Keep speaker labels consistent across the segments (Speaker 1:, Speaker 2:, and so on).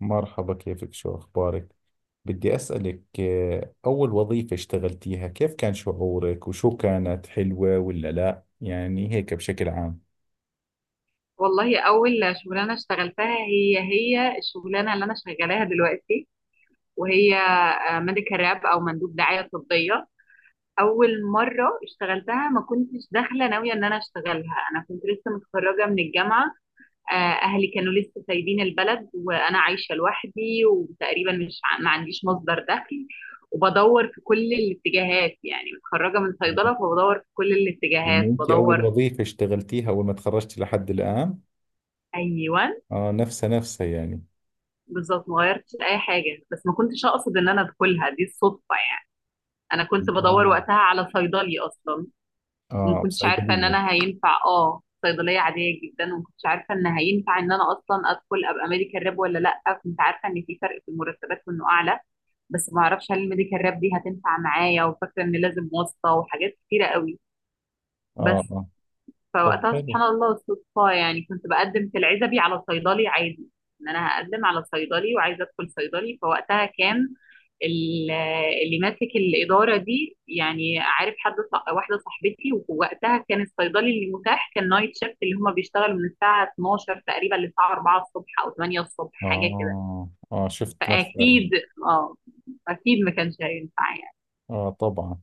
Speaker 1: مرحبا، كيفك؟ شو أخبارك؟ بدي أسألك أول وظيفة اشتغلتيها كيف كان شعورك وشو، كانت حلوة ولا لا؟ يعني هيك بشكل عام.
Speaker 2: والله اول شغلانه اشتغلتها هي الشغلانه اللي انا شغالاها دلوقتي، وهي ميديكال راب او مندوب دعايه طبيه. اول مره اشتغلتها ما كنتش داخله ناويه ان انا اشتغلها، انا كنت لسه متخرجه من الجامعه. آه، اهلي كانوا لسه سايبين البلد وانا عايشه لوحدي، وتقريبا مش ما عنديش مصدر دخل، وبدور في كل الاتجاهات، يعني متخرجه من صيدله فبدور في كل
Speaker 1: يعني
Speaker 2: الاتجاهات
Speaker 1: أنت أول
Speaker 2: بدور.
Speaker 1: وظيفة اشتغلتيها أول ما تخرجتي لحد الآن؟
Speaker 2: ايوه،
Speaker 1: آه، نفسها يعني.
Speaker 2: بالظبط ما غيرتش اي حاجه، بس ما كنتش اقصد ان انا ادخلها، دي الصدفه يعني. انا كنت بدور
Speaker 1: آه.
Speaker 2: وقتها على صيدلي اصلا، وما
Speaker 1: آه،
Speaker 2: كنتش عارفه ان
Speaker 1: بصيدلية.
Speaker 2: انا هينفع صيدليه عاديه جدا، وما كنتش عارفه ان هينفع ان انا اصلا ادخل ابقى ميديكال راب ولا لا. كنت عارفه ان في فرق في المرتبات وانه اعلى، بس ما اعرفش هل الميديكال راب دي هتنفع معايا، وفاكره ان لازم واسطه وحاجات كتيره قوي.
Speaker 1: آه
Speaker 2: بس
Speaker 1: آه. طب
Speaker 2: فوقتها
Speaker 1: حلو.
Speaker 2: سبحان الله صدفة، يعني كنت بقدم في العزبي على صيدلي عادي، ان انا هقدم على صيدلي وعايزة ادخل صيدلي. فوقتها كان ال- اللي ماسك الإدارة دي، يعني عارف حد واحدة صاحبتي، ووقتها كان الصيدلي اللي متاح كان نايت شيفت، اللي هما بيشتغلوا من الساعة 12 تقريبا للساعة 4 الصبح أو 8 الصبح حاجة كده.
Speaker 1: آه آه، شفت مثلا.
Speaker 2: فأكيد اه أكيد ما كانش هينفع يعني.
Speaker 1: آه طبعا.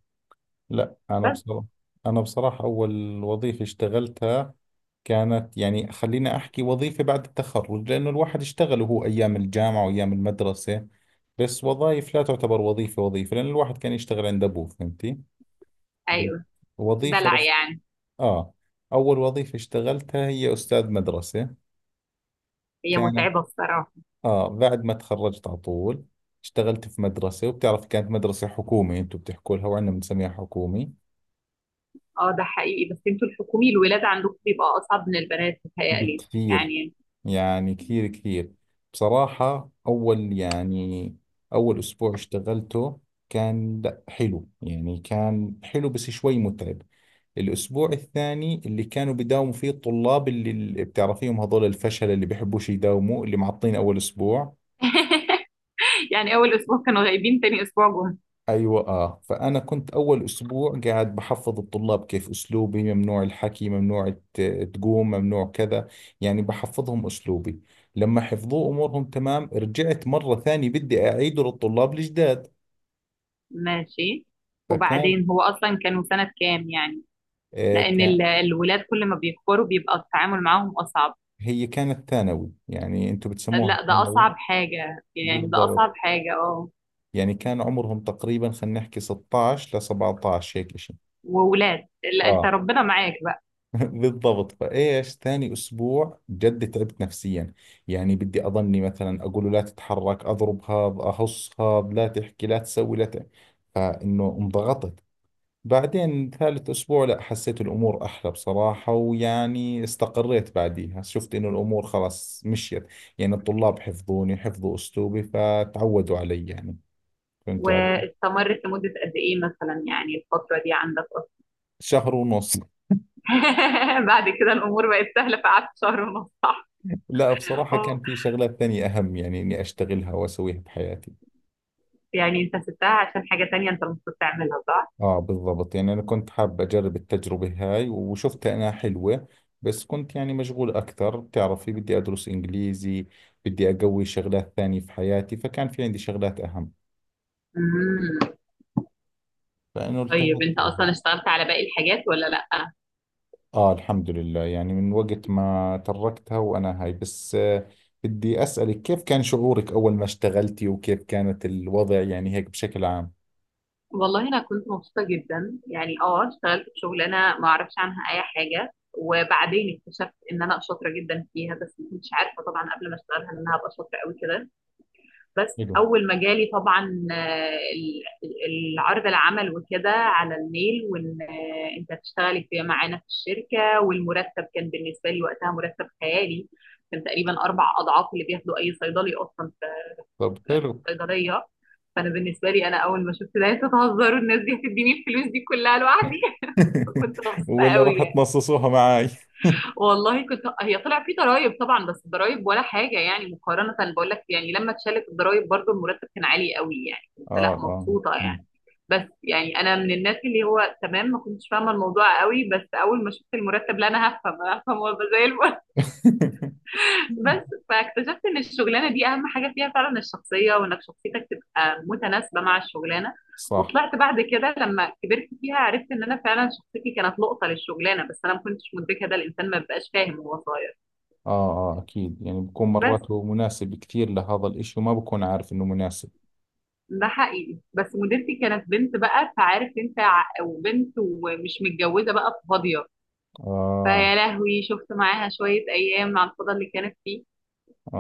Speaker 1: لا أنا
Speaker 2: بس
Speaker 1: بصراحة. أول وظيفة اشتغلتها كانت، يعني خليني أحكي وظيفة بعد التخرج، لأنه الواحد اشتغل وهو أيام الجامعة وأيام المدرسة، بس وظائف لا تعتبر وظيفة. وظيفة لأن الواحد كان يشتغل عند أبوه، فهمتي؟ ب-
Speaker 2: أيوه،
Speaker 1: وظيفة
Speaker 2: دلع
Speaker 1: رس...
Speaker 2: يعني.
Speaker 1: آه. أول وظيفة اشتغلتها هي أستاذ مدرسة.
Speaker 2: هي
Speaker 1: كانت،
Speaker 2: متعبة.
Speaker 1: آه، بعد ما تخرجت على طول اشتغلت في مدرسة. وبتعرف كانت مدرسة حكومي، أنتم بتحكوا لها وعندنا بنسميها حكومي.
Speaker 2: اه، ده حقيقي، بس انتوا الحكومي الولاد عندكم بيبقى اصعب من البنات، متهيألي
Speaker 1: بكثير.
Speaker 2: يعني.
Speaker 1: يعني كثير. بصراحة أول أسبوع اشتغلته كان، لا حلو، يعني كان حلو بس شوي متعب. الأسبوع الثاني اللي كانوا بيداوموا فيه الطلاب، اللي بتعرفيهم، هذول الفشل اللي بيحبوش يداوموا، اللي معطين أول أسبوع.
Speaker 2: يعني اول اسبوع كانوا غايبين، تاني اسبوع جم.
Speaker 1: ايوه. اه، فانا كنت اول اسبوع قاعد بحفظ الطلاب كيف اسلوبي. ممنوع الحكي، ممنوع تقوم، ممنوع كذا. يعني بحفظهم اسلوبي. لما حفظوه امورهم تمام، رجعت مره ثانيه بدي اعيده للطلاب الجداد.
Speaker 2: ماشي،
Speaker 1: فكان،
Speaker 2: وبعدين هو اصلا كانوا سنة كام يعني؟
Speaker 1: آه
Speaker 2: لان
Speaker 1: كان،
Speaker 2: الولاد كل ما بيكبروا بيبقى التعامل معاهم اصعب.
Speaker 1: هي كانت ثانوي، يعني انتم بتسموها
Speaker 2: لا ده
Speaker 1: ثانوي.
Speaker 2: اصعب حاجة يعني، ده
Speaker 1: بالضبط.
Speaker 2: اصعب حاجة، اه.
Speaker 1: يعني كان عمرهم تقريبا، خلينا نحكي 16 ل 17، هيك شيء.
Speaker 2: وولاد، لا انت
Speaker 1: اه
Speaker 2: ربنا معاك بقى.
Speaker 1: بالضبط. فايش، ثاني اسبوع جد تعبت نفسيا. يعني بدي اضلني مثلا اقول له لا تتحرك، اضرب هذا، اهص هذا، لا تحكي، لا تسوي، لا ت... فانه انضغطت. بعدين ثالث اسبوع، لا، حسيت الامور احلى بصراحة، ويعني استقريت بعديها، شفت انه الامور خلاص مشيت. يعني الطلاب حفظوني، حفظوا اسلوبي فتعودوا علي يعني، فهمت علي.
Speaker 2: واستمرت لمدة قد ايه مثلا يعني الفترة دي عندك؟
Speaker 1: شهر ونص.
Speaker 2: اصلا بعد كده الامور بقت سهلة، في قعدت شهر ونص صح؟
Speaker 1: لا بصراحة كان في شغلات ثانية اهم يعني اني اشتغلها واسويها بحياتي.
Speaker 2: يعني انت سبتها عشان حاجة تانية انت المفروض تعملها صح؟
Speaker 1: اه بالضبط، يعني انا كنت حاب اجرب التجربة هاي وشفتها انها حلوة، بس كنت يعني مشغول اكثر، بتعرفي بدي ادرس انجليزي، بدي اقوي شغلات ثانية في حياتي، فكان في عندي شغلات اهم،
Speaker 2: امم.
Speaker 1: فانه
Speaker 2: طيب
Speaker 1: التهيت
Speaker 2: انت
Speaker 1: لها.
Speaker 2: اصلا اشتغلت على باقي الحاجات ولا لا؟
Speaker 1: اه الحمد لله، يعني من وقت ما تركتها وانا هاي، بس بدي اسألك كيف كان شعورك اول ما اشتغلتي وكيف كانت الوضع، يعني هيك بشكل عام.
Speaker 2: والله انا كنت مبسوطة جدا يعني، اه اشتغلت في شغلانة ما اعرفش عنها اي حاجة، وبعدين اكتشفت ان انا شاطرة جدا فيها، بس ما كنتش عارفة طبعا قبل ما اشتغلها ان انا هبقى شاطرة قوي كده. بس
Speaker 1: حلو.
Speaker 2: اول ما جالي طبعا العرض العمل وكده على الميل، وان انت هتشتغلي في معانا في الشركه، والمرتب كان بالنسبه لي وقتها مرتب خيالي. كان تقريبا اربع اضعاف اللي بياخده اي صيدلي اصلا في
Speaker 1: طب حلو.
Speaker 2: الصيدليه. فانا بالنسبه لي انا اول ما شفت ده، انتوا تهزروا، الناس دي هتديني الفلوس دي كلها لوحدي؟ فكنت مبسوطه
Speaker 1: ولا
Speaker 2: قوي
Speaker 1: راح
Speaker 2: يعني.
Speaker 1: تنصصوها معاي.
Speaker 2: والله كنت، هي طلع في ضرايب طبعا، بس الضرايب ولا حاجه يعني مقارنه، بقول لك يعني لما اتشالت الضرايب برضو المرتب كان عالي قوي، يعني كنت
Speaker 1: اه
Speaker 2: لا
Speaker 1: اه.
Speaker 2: مبسوطه يعني. بس يعني انا من الناس اللي هو تمام، ما كنتش فاهمه الموضوع قوي، بس اول ما شفت المرتب لا، انا هفهم، انا هفهم وابقى زي الفل. بس فاكتشفت ان الشغلانه دي اهم حاجه فيها فعلا الشخصيه، وانك شخصيتك تبقى متناسبه مع الشغلانه.
Speaker 1: صح.
Speaker 2: وطلعت بعد كده لما كبرت فيها عرفت ان انا فعلا شخصيتي كانت لقطه للشغلانه، بس انا ما كنتش مدركه، ده الانسان ما بيبقاش فاهم وهو صغير.
Speaker 1: آه آه أكيد، يعني بكون
Speaker 2: بس
Speaker 1: مرات هو مناسب كثير لهذا الإشي وما بكون عارف إنه مناسب.
Speaker 2: ده حقيقي، بس مديرتي كانت بنت بقى، فعارف انت وبنت ومش متجوزه بقى فاضيه،
Speaker 1: آه.
Speaker 2: فيا لهوي شفت معاها شويه ايام على الفضا اللي كانت فيه.
Speaker 1: آه،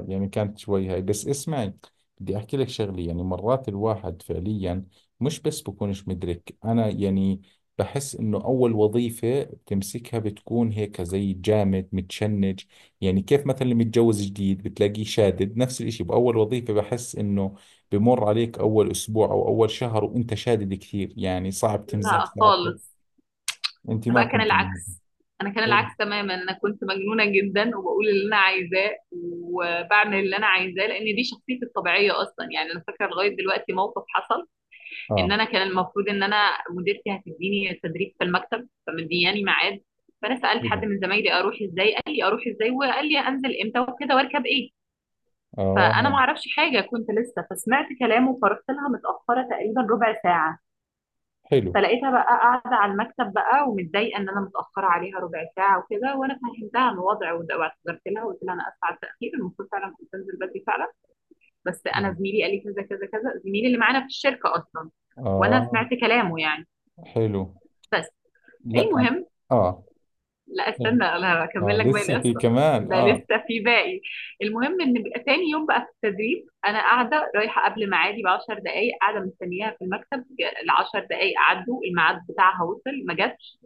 Speaker 1: آه يعني كانت شوي هاي، بس اسمعي، بدي أحكي لك شغلة. يعني مرات الواحد فعليا، مش بس بكونش مدرك أنا يعني، بحس إنه أول وظيفة بتمسكها بتكون هيك زي جامد متشنج. يعني كيف مثلا اللي متجوز جديد بتلاقيه شادد، نفس الإشي بأول وظيفة، بحس إنه بمر عليك أول أسبوع أو أول شهر وأنت شادد كثير، يعني صعب تمزح،
Speaker 2: لا
Speaker 1: صعب.
Speaker 2: خالص.
Speaker 1: أنت
Speaker 2: انا
Speaker 1: ما
Speaker 2: بقى كان
Speaker 1: كنت منهم.
Speaker 2: العكس، انا كان
Speaker 1: حلو.
Speaker 2: العكس تماما، انا كنت مجنونه جدا وبقول اللي انا عايزاه وبعمل اللي انا عايزاه، لان دي شخصيتي الطبيعيه اصلا يعني. انا فاكره لغايه دلوقتي موقف حصل، ان
Speaker 1: آه.
Speaker 2: انا كان المفروض ان انا مديرتي هتديني تدريب في المكتب، فمدياني ميعاد. فانا سالت
Speaker 1: حلو.
Speaker 2: حد من زمايلي اروح ازاي، قال لي اروح ازاي، وقال لي انزل امتى وكده واركب ايه. فانا
Speaker 1: آه.
Speaker 2: ما اعرفش حاجه كنت لسه، فسمعت كلامه فرحت لها متاخره تقريبا ربع ساعه.
Speaker 1: حلو.
Speaker 2: فلقيتها بقى قاعده على المكتب بقى، ومتضايقه ان انا متاخره عليها ربع ساعه وكده، وانا فهمتها من الوضع واعتذرت لها وقلت لها انا اسفه على التاخير، المفروض فعلا كنت انزل بدري فعلا، بس انا
Speaker 1: آه.
Speaker 2: زميلي قال لي كذا كذا كذا، زميلي اللي معانا في الشركه اصلا، وانا
Speaker 1: آه.
Speaker 2: سمعت كلامه يعني.
Speaker 1: حلو.
Speaker 2: بس
Speaker 1: لا أم-
Speaker 2: المهم،
Speaker 1: اه
Speaker 2: لا
Speaker 1: طبعا.
Speaker 2: استنى انا
Speaker 1: اه
Speaker 2: هكمل لك باقي
Speaker 1: لسه في
Speaker 2: القصه،
Speaker 1: كمان
Speaker 2: ده
Speaker 1: اه.
Speaker 2: لسه في باقي. المهم ان بقى تاني يوم بقى في التدريب، انا قاعده رايحه قبل ميعادي ب 10 دقائق، قاعده مستنياها في المكتب. ال 10 دقائق عدوا الميعاد بتاعها وصل ما جاتش،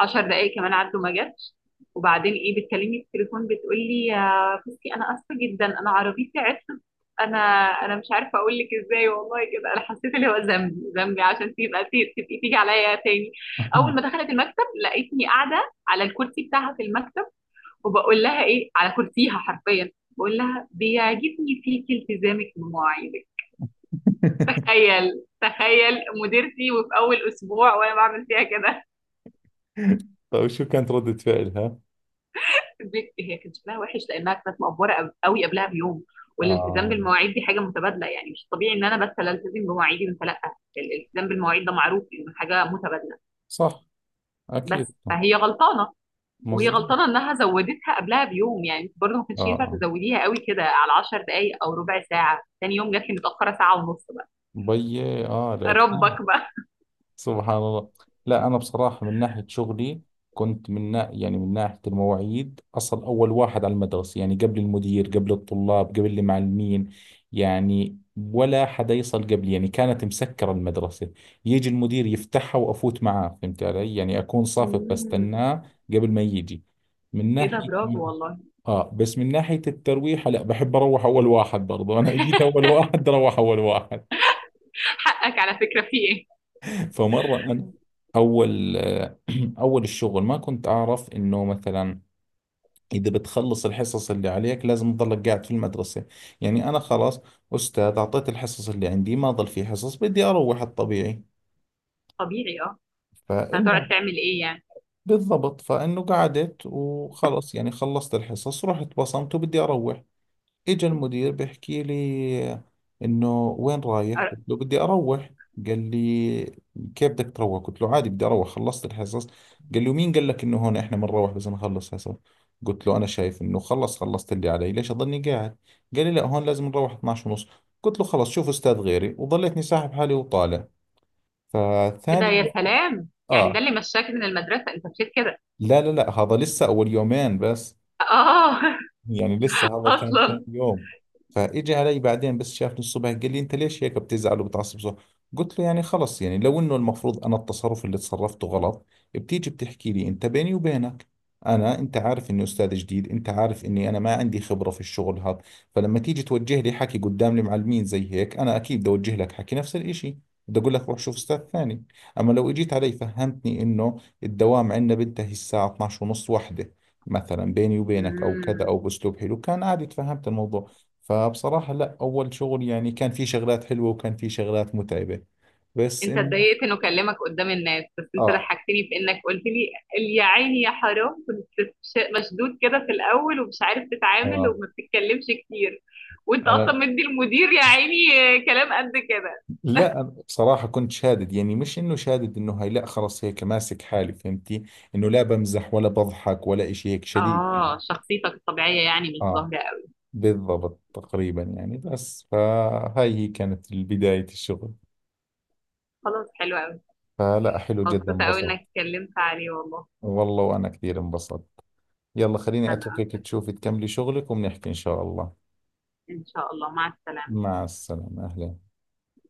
Speaker 2: 10 دقائق كمان عدوا ما جاتش. وبعدين ايه، بتكلمني في التليفون بتقول لي يا بصي انا اسفه جدا، انا عربيتي عطلت. انا انا مش عارفه اقول لك ازاي، والله كده انا حسيت اللي هو ذنبي، ذنبي عشان تبقى تبقي تيجي عليا تاني. اول ما دخلت المكتب لقيتني قاعده على الكرسي بتاعها في المكتب، وبقول لها ايه على كرسيها حرفيا، بقول لها بيعجبني فيكي التزامك بمواعيدك. تخيل، تخيل، مديرتي وفي اول اسبوع وانا بعمل فيها كده.
Speaker 1: طيب شو كانت ردة فعلها؟
Speaker 2: هي كان شكلها وحش لانها كانت مقفوره قوي قبلها بيوم. والالتزام
Speaker 1: اه.
Speaker 2: بالمواعيد دي حاجه متبادله، يعني مش طبيعي ان انا بس لا التزم بمواعيدي وانت لا، الالتزام بالمواعيد ده معروف انه حاجه متبادله.
Speaker 1: صح. اكيد.
Speaker 2: بس فهي غلطانه، وهي
Speaker 1: مظبوط.
Speaker 2: غلطانه انها زودتها قبلها بيوم، يعني انت برضه ما
Speaker 1: اه
Speaker 2: كانش ينفع
Speaker 1: آه.
Speaker 2: تزوديها قوي كده على 10 دقائق او ربع ساعه، تاني يوم جات لي متاخره ساعه ونص بقى.
Speaker 1: بيي، اه، الاكيد.
Speaker 2: ربك بقى.
Speaker 1: سبحان الله. لا أنا بصراحة من ناحية شغلي كنت يعني من ناحية المواعيد، أصل أول واحد على المدرسة، يعني قبل المدير، قبل الطلاب، قبل المعلمين. يعني ولا حدا يصل قبلي، يعني كانت مسكرة المدرسة، يجي المدير يفتحها وأفوت معاه، فهمت علي؟ يعني أكون صافف
Speaker 2: مم.
Speaker 1: بستناه قبل ما يجي. من
Speaker 2: ايه ده،
Speaker 1: ناحية،
Speaker 2: برافو والله.
Speaker 1: آه، بس من ناحية الترويحة لا، بحب أروح أول واحد برضه. أنا جيت أول واحد أروح أول واحد.
Speaker 2: حقك على فكره في ايه.
Speaker 1: فمرة أنا، أول أول الشغل ما كنت أعرف إنه مثلا إذا بتخلص الحصص اللي عليك لازم تضلك قاعد في المدرسة. يعني أنا خلاص، أستاذ، أعطيت الحصص اللي عندي، ما ضل في حصص، بدي أروح، الطبيعي.
Speaker 2: طبيعي اه. بس هتقعد
Speaker 1: فالمهم
Speaker 2: تعمل ايه يعني.
Speaker 1: بالضبط، فإنه قعدت وخلص، يعني خلصت الحصص رحت بصمت وبدي أروح. اجى المدير بيحكي لي انه وين رايح؟
Speaker 2: أر-
Speaker 1: قلت له بدي اروح. قال لي كيف بدك تروح؟ قلت له عادي بدي اروح، خلصت الحصص. قال لي ومين قال لك انه هون احنا بنروح بس نخلص حصص؟ قلت له انا شايف انه خلص، خلصت اللي علي، ليش اضلني قاعد؟ قال لي لا هون لازم نروح 12 ونص. قلت له خلص شوف استاذ غيري، وظليتني ساحب حالي وطالع.
Speaker 2: ايه ده
Speaker 1: فثاني
Speaker 2: يا
Speaker 1: يوم،
Speaker 2: سلام، يعني ده
Speaker 1: اه
Speaker 2: اللي مشاك من المدرسه انت مشيت كده؟
Speaker 1: لا لا لا، هذا لسه اول يومين بس،
Speaker 2: اه
Speaker 1: يعني لسه هذا كان ثاني
Speaker 2: اصلا.
Speaker 1: يوم. فاجى علي بعدين، بس شافني الصبح قال لي انت ليش هيك بتزعل وبتعصب، صح؟ قلت له يعني خلص، يعني لو انه المفروض انا التصرف اللي تصرفته غلط، بتيجي بتحكي لي انت بيني وبينك. انا، انت عارف اني استاذ جديد، انت عارف اني انا ما عندي خبرة في الشغل هذا، فلما تيجي توجه لي حكي قدام المعلمين زي هيك، انا اكيد بدي اوجه لك حكي نفس الاشي، بدي اقول لك روح شوف استاذ ثاني. اما لو اجيت علي فهمتني انه الدوام عندنا بينتهي الساعة 12 ونص واحدة مثلا، بيني وبينك او كذا،
Speaker 2: مم.
Speaker 1: او باسلوب حلو، كان عادي تفهمت الموضوع. فبصراحة لا، اول شغل يعني كان في شغلات حلوة وكان في شغلات متعبة، بس
Speaker 2: انت
Speaker 1: انه،
Speaker 2: اتضايقت انه كلمك قدام الناس، بس انت
Speaker 1: اه
Speaker 2: ضحكتني بانك قلت لي يا عيني يا حرام، كنت مشدود كده في الاول ومش عارف تتعامل
Speaker 1: اه.
Speaker 2: وما بتتكلمش كتير، وانت اصلا
Speaker 1: انا،
Speaker 2: مدي المدير يا عيني كلام قد كده.
Speaker 1: لا أنا بصراحة كنت شادد، يعني مش انه شادد انه هاي، لا خلص هيك ماسك حالي فهمتي؟ انه لا بمزح ولا بضحك ولا اشي، هيك شديد يعني.
Speaker 2: اه شخصيتك الطبيعية يعني مش
Speaker 1: اه
Speaker 2: ظاهرة قوي.
Speaker 1: بالضبط تقريبا، يعني بس فهاي هي كانت بداية الشغل.
Speaker 2: خلاص حلو قوي.
Speaker 1: فلا حلو جدا،
Speaker 2: مبسوطة قوي
Speaker 1: انبسطت.
Speaker 2: انك اتكلمت عليه والله.
Speaker 1: والله وانا كثير انبسطت. يلا خليني
Speaker 2: انا
Speaker 1: اتركك
Speaker 2: اكتر.
Speaker 1: تشوفي تكملي شغلك، وبنحكي ان شاء الله.
Speaker 2: ان شاء الله، مع السلامة.
Speaker 1: مع السلامة، اهلا.